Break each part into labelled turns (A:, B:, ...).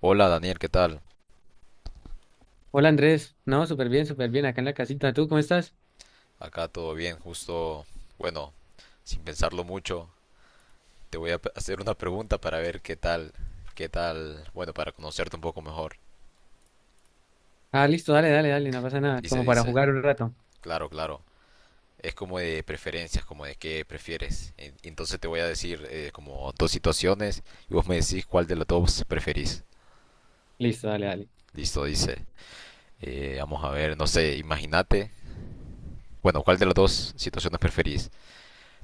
A: Hola Daniel, ¿qué tal?
B: Hola Andrés, no, súper bien, acá en la casita. ¿Tú cómo estás?
A: Acá todo bien, justo, bueno, sin pensarlo mucho, te voy a hacer una pregunta para ver qué tal, bueno, para conocerte un poco mejor.
B: Ah, listo, dale, dale, dale, no pasa nada,
A: Dice,
B: como para
A: dice,
B: jugar un rato.
A: claro, claro. Es como de preferencias, como de qué prefieres. Entonces te voy a decir como dos situaciones y vos me decís cuál de las dos preferís.
B: Listo, dale, dale.
A: Listo, dice. Vamos a ver, no sé, imagínate. Bueno, ¿cuál de las dos situaciones preferís?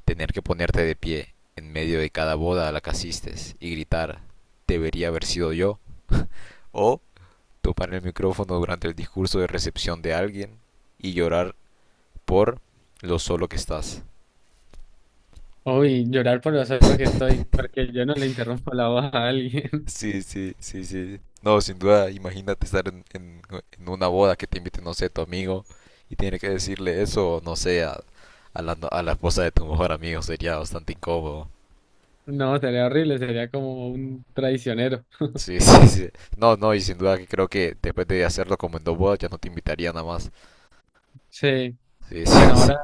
A: Tener que ponerte de pie en medio de cada boda a la que asistes y gritar, debería haber sido yo, o tomar el micrófono durante el discurso de recepción de alguien y llorar por lo solo que estás.
B: Uy, llorar por lo solo que estoy, porque yo no le interrumpo la voz a alguien.
A: Sí, sí, sí, sí. No, sin duda, imagínate estar en una boda que te invite, no sé, tu amigo y tener que decirle eso, no sé, a la, no- a la esposa de tu mejor amigo, sería bastante incómodo.
B: No, sería horrible, sería como un traicionero.
A: Sí, sí, sí. No, no, y sin duda que creo que después de hacerlo como en dos bodas ya no te invitaría nada más.
B: Sí,
A: Sí, sí,
B: bueno,
A: sí.
B: ahora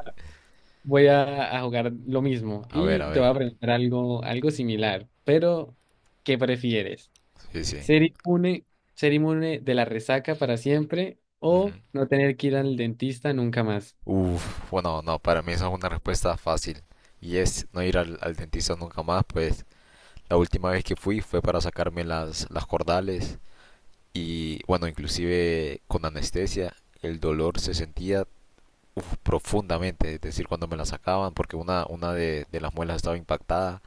B: voy a jugar lo mismo
A: A ver,
B: y
A: a
B: te voy a
A: ver.
B: preguntar algo similar, pero ¿qué prefieres?
A: Sí, sí.
B: ¿Ser inmune, ser inmune de la resaca para siempre o
A: Ujú.
B: no tener que ir al dentista nunca más?
A: Uf, bueno, no, para mí esa es una respuesta fácil. Y es no ir al dentista nunca más, pues la última vez que fui fue para sacarme las cordales y bueno, inclusive con anestesia el dolor se sentía uf, profundamente, es decir, cuando me la sacaban porque una de las muelas estaba impactada,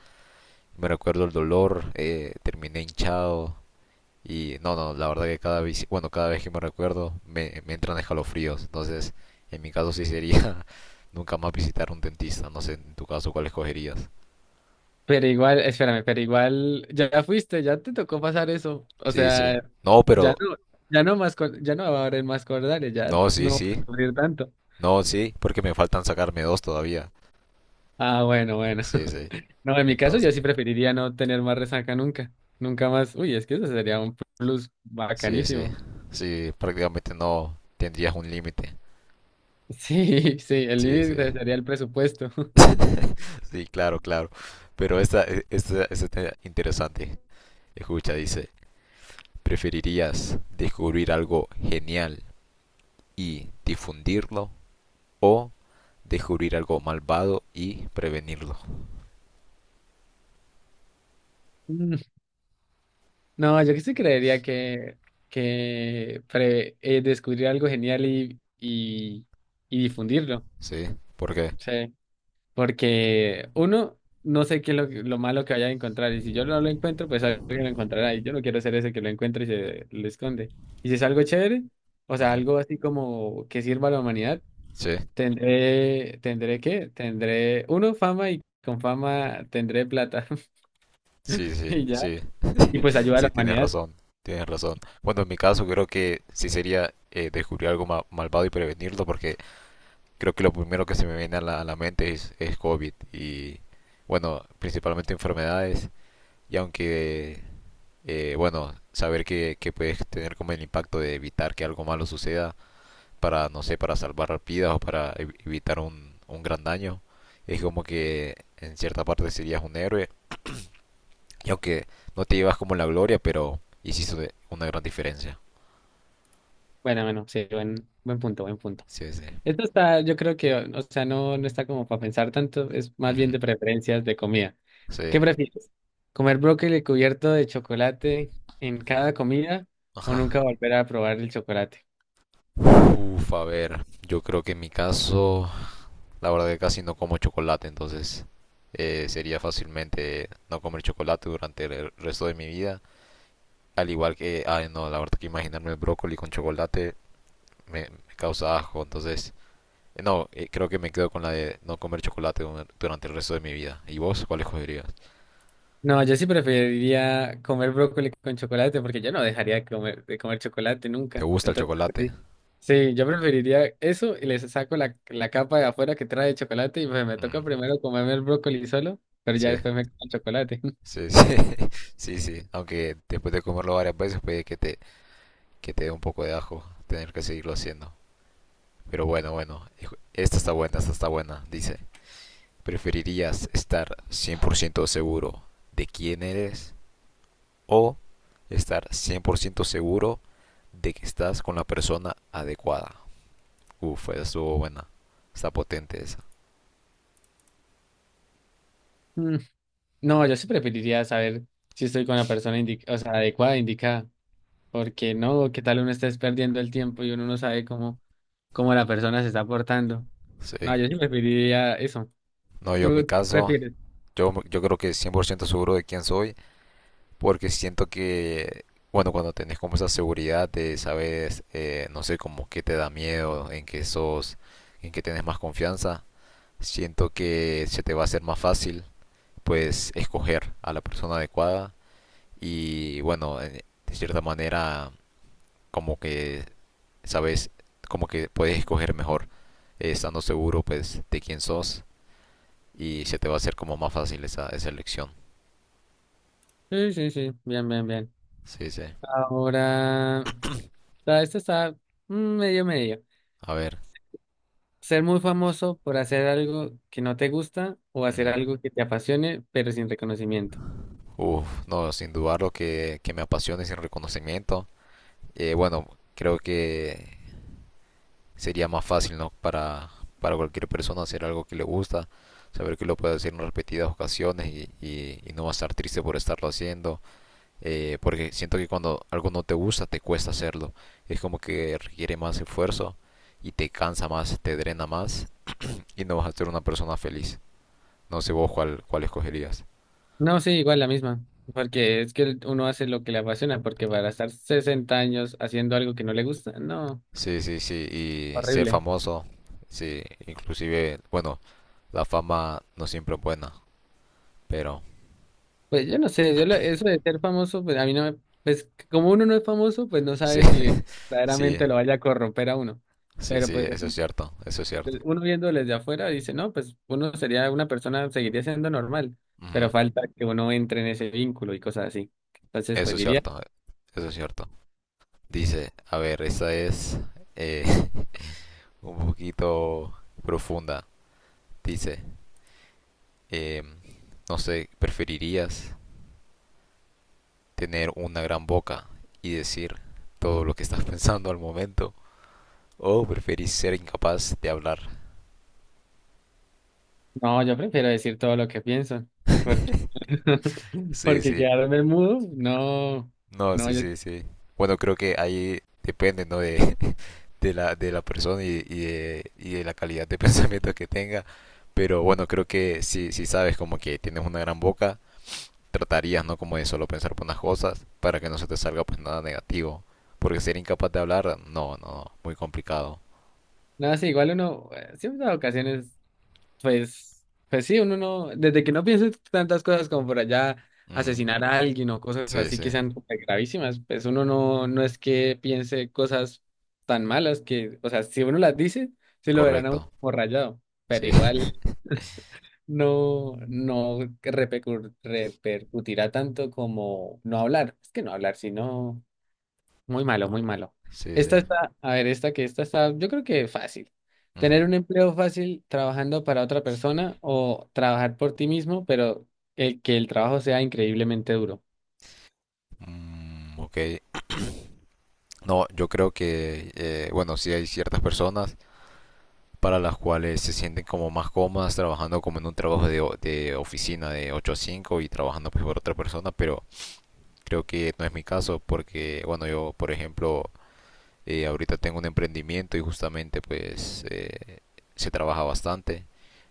A: me recuerdo el dolor, terminé hinchado y no, no, la verdad que cada vez, bueno, cada vez que me recuerdo me entran escalofríos, entonces en mi caso sí sería nunca más visitar un dentista, no sé en tu caso cuál escogerías.
B: Pero igual, espérame, pero igual ya fuiste, ya te tocó pasar eso. O
A: Sí, sí.
B: sea,
A: No,
B: ya
A: pero
B: no, ya no más, ya no va a haber más cordales, ya
A: no, sí,
B: no vas
A: sí.
B: a sufrir tanto.
A: No, sí, porque me faltan sacarme dos todavía.
B: Ah, bueno, bueno.
A: Sí, sí.
B: No, en mi caso yo
A: Entonces,
B: sí preferiría no tener más resaca nunca. Nunca más. Uy, es que eso sería un plus
A: sí, sí.
B: bacanísimo.
A: Sí, prácticamente no tendrías un límite.
B: Sí, sí, el
A: Sí, sí.
B: límite sería el presupuesto.
A: Sí, claro, claro. Pero esta está interesante. Escucha, dice, ¿preferirías descubrir algo genial y difundirlo o descubrir algo malvado y prevenirlo?
B: Mm, No, yo que sí creería que descubrir algo genial y difundirlo.
A: ¿Sí? ¿Por qué?
B: Sí. Porque uno, no sé qué es lo malo que vaya a encontrar. Y si yo no lo encuentro, pues alguien lo encontrará. Y yo no quiero ser ese que lo encuentre y se lo esconde. Y si es algo chévere, o sea,
A: Ujú.
B: algo así como que sirva a la humanidad,
A: Sí,
B: tendré, ¿tendré qué? Tendré, uno, fama y con fama tendré plata.
A: sí, sí,
B: Y ya.
A: sí,
B: Y pues ayuda a
A: sí,
B: la
A: tienes
B: humanidad.
A: razón, tienes razón. Bueno, en mi caso creo que sí sería descubrir algo malvado y prevenirlo, porque creo que lo primero que se me viene a la mente es COVID y, bueno, principalmente enfermedades y aunque bueno, saber que, puedes tener como el impacto de evitar que algo malo suceda para, no sé, para salvar vidas o para evitar un gran daño. Es como que en cierta parte serías un héroe, y aunque no te llevas como la gloria, pero hiciste una gran diferencia.
B: Bueno, bueno, sí, buen punto, buen punto.
A: Sí, sí.
B: Esto está, yo creo que, o sea, no, no está como para pensar tanto, es más bien
A: Ujú.
B: de preferencias de comida.
A: Sí.
B: ¿Qué prefieres? ¿Comer brócoli cubierto de chocolate en
A: Ujú.
B: cada comida o
A: Ajá.
B: nunca volver a probar el chocolate?
A: Uf, a ver, yo creo que en mi caso, la verdad que casi no como chocolate, entonces sería fácilmente no comer chocolate durante el resto de mi vida. Al igual que, ay no, la verdad que imaginarme el brócoli con chocolate me causa asco, entonces, no, creo que me quedo con la de no comer chocolate durante el resto de mi vida. ¿Y vos cuál escogerías?
B: No, yo sí preferiría comer brócoli con chocolate porque yo no dejaría de comer chocolate
A: ¿Te
B: nunca.
A: gusta el
B: Entonces,
A: chocolate?
B: sí, sí, yo preferiría eso y les saco la capa de afuera que trae chocolate y pues me
A: Mm,
B: toca primero comerme el brócoli solo, pero ya
A: sí,
B: después me como el chocolate.
A: sí, sí, sí, sí, aunque después de comerlo varias veces puede que te dé un poco de asco tener que seguirlo haciendo. Pero bueno, bueno, esta está buena, dice. ¿Preferirías estar 100% seguro de quién eres o estar 100% seguro de que estás con la persona adecuada? Uf, esa estuvo buena. Está potente esa.
B: Mm, No, yo sí preferiría saber si estoy con la persona o sea, adecuada, indicada, porque no, qué tal uno estés perdiendo el tiempo y uno no sabe cómo la persona se está portando. No,
A: Sí.
B: yo sí preferiría eso.
A: No, yo en mi
B: ¿Tú qué
A: caso,
B: prefieres?
A: yo creo que 100% seguro de quién soy, porque siento que, bueno, cuando tenés como esa seguridad de saber, no sé, como qué te da miedo, en qué sos, en qué tenés más confianza, siento que se te va a hacer más fácil, pues, escoger a la persona adecuada y, bueno, de cierta manera, como que, sabes, como que puedes escoger mejor. Estando seguro pues de quién sos y se te va a hacer como más fácil esa elección.
B: Sí, sí, sí, bien, bien, bien.
A: Sí, sí.
B: Ahora, ah, esto está medio medio.
A: A ver.
B: Ser muy famoso por hacer algo que no te gusta o
A: Ujú.
B: hacer algo que te apasione, pero sin reconocimiento.
A: Uf, no, sin dudarlo que me apasione sin reconocimiento. Bueno, creo que sería más fácil, ¿no? Para cualquier persona hacer algo que le gusta, saber que lo puede hacer en repetidas ocasiones y, y no va a estar triste por estarlo haciendo, porque siento que cuando algo no te gusta te cuesta hacerlo, es como que requiere más esfuerzo y te cansa más, te drena más, y no vas a ser una persona feliz. No sé vos cuál escogerías.
B: No, sí, igual la misma, porque es que uno hace lo que le apasiona, porque para estar 60 años haciendo algo que no le gusta, no,
A: Sí, sí, sí, y ser
B: horrible.
A: famoso, sí, inclusive, bueno, la fama no siempre es buena, pero
B: Pues yo no sé, eso de ser famoso, pues a mí no me, pues como uno no es famoso, pues no
A: sí,
B: sabe si
A: sí,
B: verdaderamente lo vaya a corromper a uno.
A: sí,
B: Pero
A: sí,
B: pues
A: eso es cierto, eso es cierto.
B: uno viéndolo desde afuera dice, no, pues uno sería una persona, seguiría siendo normal,
A: Ujú.
B: pero falta que uno entre en ese vínculo y cosas así. Entonces,
A: Eso
B: pues
A: es
B: diría,
A: cierto, eso es cierto. Dice, a ver, esa es eh, un poquito profunda. Dice, em, no sé, ¿preferirías tener una gran boca y decir todo lo que estás pensando al momento? O preferís ser incapaz de hablar.
B: no, yo prefiero decir todo lo que pienso, porque,
A: Sí,
B: porque
A: sí.
B: quedarme mudo, no,
A: No,
B: no,
A: sí,
B: yo,
A: sí, sí. Bueno, creo que ahí depende, ¿no? De la persona y, y de la calidad de pensamiento que tenga. Pero bueno, creo que si sabes como que tienes una gran boca, tratarías, ¿no? Como de solo pensar por unas cosas para que no se te salga pues nada negativo. Porque ser incapaz de hablar, no, no, no, muy complicado.
B: no, sí, igual uno, siempre hay ocasiones. Pues, uno no, desde que no piense tantas cosas como por allá
A: Ujú.
B: asesinar a alguien o cosas
A: Sí,
B: así
A: sí,
B: que sean súper gravísimas, pues uno no, no es que piense cosas tan malas que, o sea, si uno las dice, sí lo verán a uno
A: correcto.
B: como rayado, pero
A: Sí,
B: igual no, no repercutirá tanto como no hablar. Es que no hablar, sino muy malo, muy malo.
A: sí, sí.
B: Esta está, a ver, esta que esta está, yo creo que fácil.
A: Ujú.
B: Tener un empleo fácil trabajando para otra persona o trabajar por ti mismo, pero el que el trabajo sea increíblemente duro.
A: Ok, no, yo creo que, bueno, sí hay ciertas personas para las cuales se sienten como más cómodas trabajando como en un trabajo de oficina de 8 a 5 y trabajando pues por otra persona, pero creo que no es mi caso porque, bueno, yo, por ejemplo, ahorita tengo un emprendimiento y justamente pues se trabaja bastante,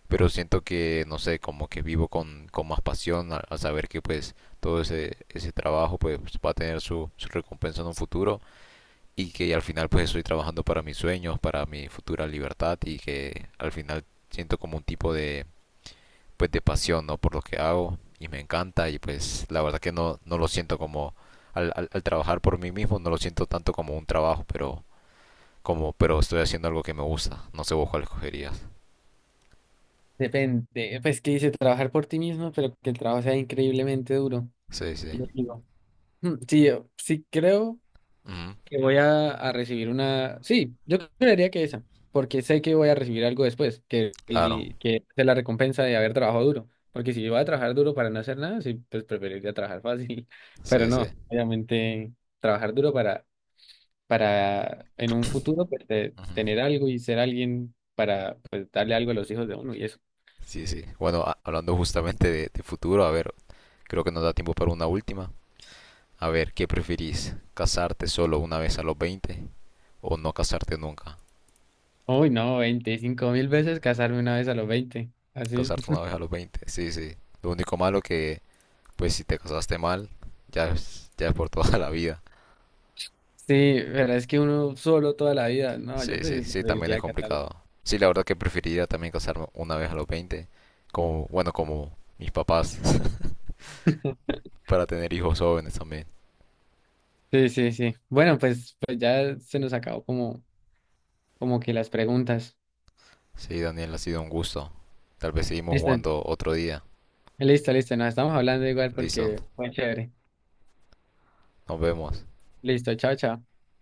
A: pero siento que, no sé, como que vivo con más pasión al saber que pues todo ese trabajo pues va a tener su recompensa en un futuro y que al final pues estoy trabajando para mis sueños, para mi futura libertad y que al final siento como un tipo de pues de pasión, ¿no? Por lo que hago y me encanta, y pues la verdad que no lo siento como al trabajar por mí mismo, no lo siento tanto como un trabajo, pero como pero estoy haciendo algo que me gusta. No sé vos cuál escogerías.
B: Depende, pues que dice trabajar por ti mismo, pero que el trabajo sea increíblemente duro.
A: Sí, sí.
B: Y yo digo, sí, yo sí creo
A: Ujú.
B: que voy a recibir una... Sí, yo creería que esa, porque sé que voy a recibir algo después, que,
A: Claro.
B: que es la recompensa de haber trabajado duro, porque si voy a trabajar duro para no hacer nada, sí, pues preferiría trabajar fácil, pero
A: Sí, sí.
B: no, obviamente trabajar duro para en un futuro pues,
A: Ujú.
B: tener algo y ser alguien para pues, darle algo a los hijos de uno y eso.
A: Sí, sí. Bueno, hablando justamente de futuro, a ver, creo que nos da tiempo para una última. A ver, ¿qué preferís? ¿Casarte solo una vez a los 20 o no casarte nunca?
B: Uy, no, 25.000 veces casarme una vez a los 20 así.
A: Casarte una vez a los 20, sí, sí. Lo único malo que, pues si te casaste mal, ya es por toda la vida.
B: Sí, pero es que uno solo toda la vida, no, yo
A: Sí, sí, sí, también es
B: preferiría casarme.
A: complicado. Sí, la verdad que preferiría también casarme una vez a los 20, como, bueno, como mis papás, para tener hijos jóvenes también.
B: Sí, sí, sí. Bueno, pues, ya se nos acabó como, como que las preguntas.
A: Sí, Daniel, ha sido un gusto. Tal vez seguimos
B: Listo,
A: jugando otro día.
B: listo, listo. Nos estamos hablando igual
A: Listo,
B: porque fue chévere.
A: nos vemos.
B: Listo, chao, chao.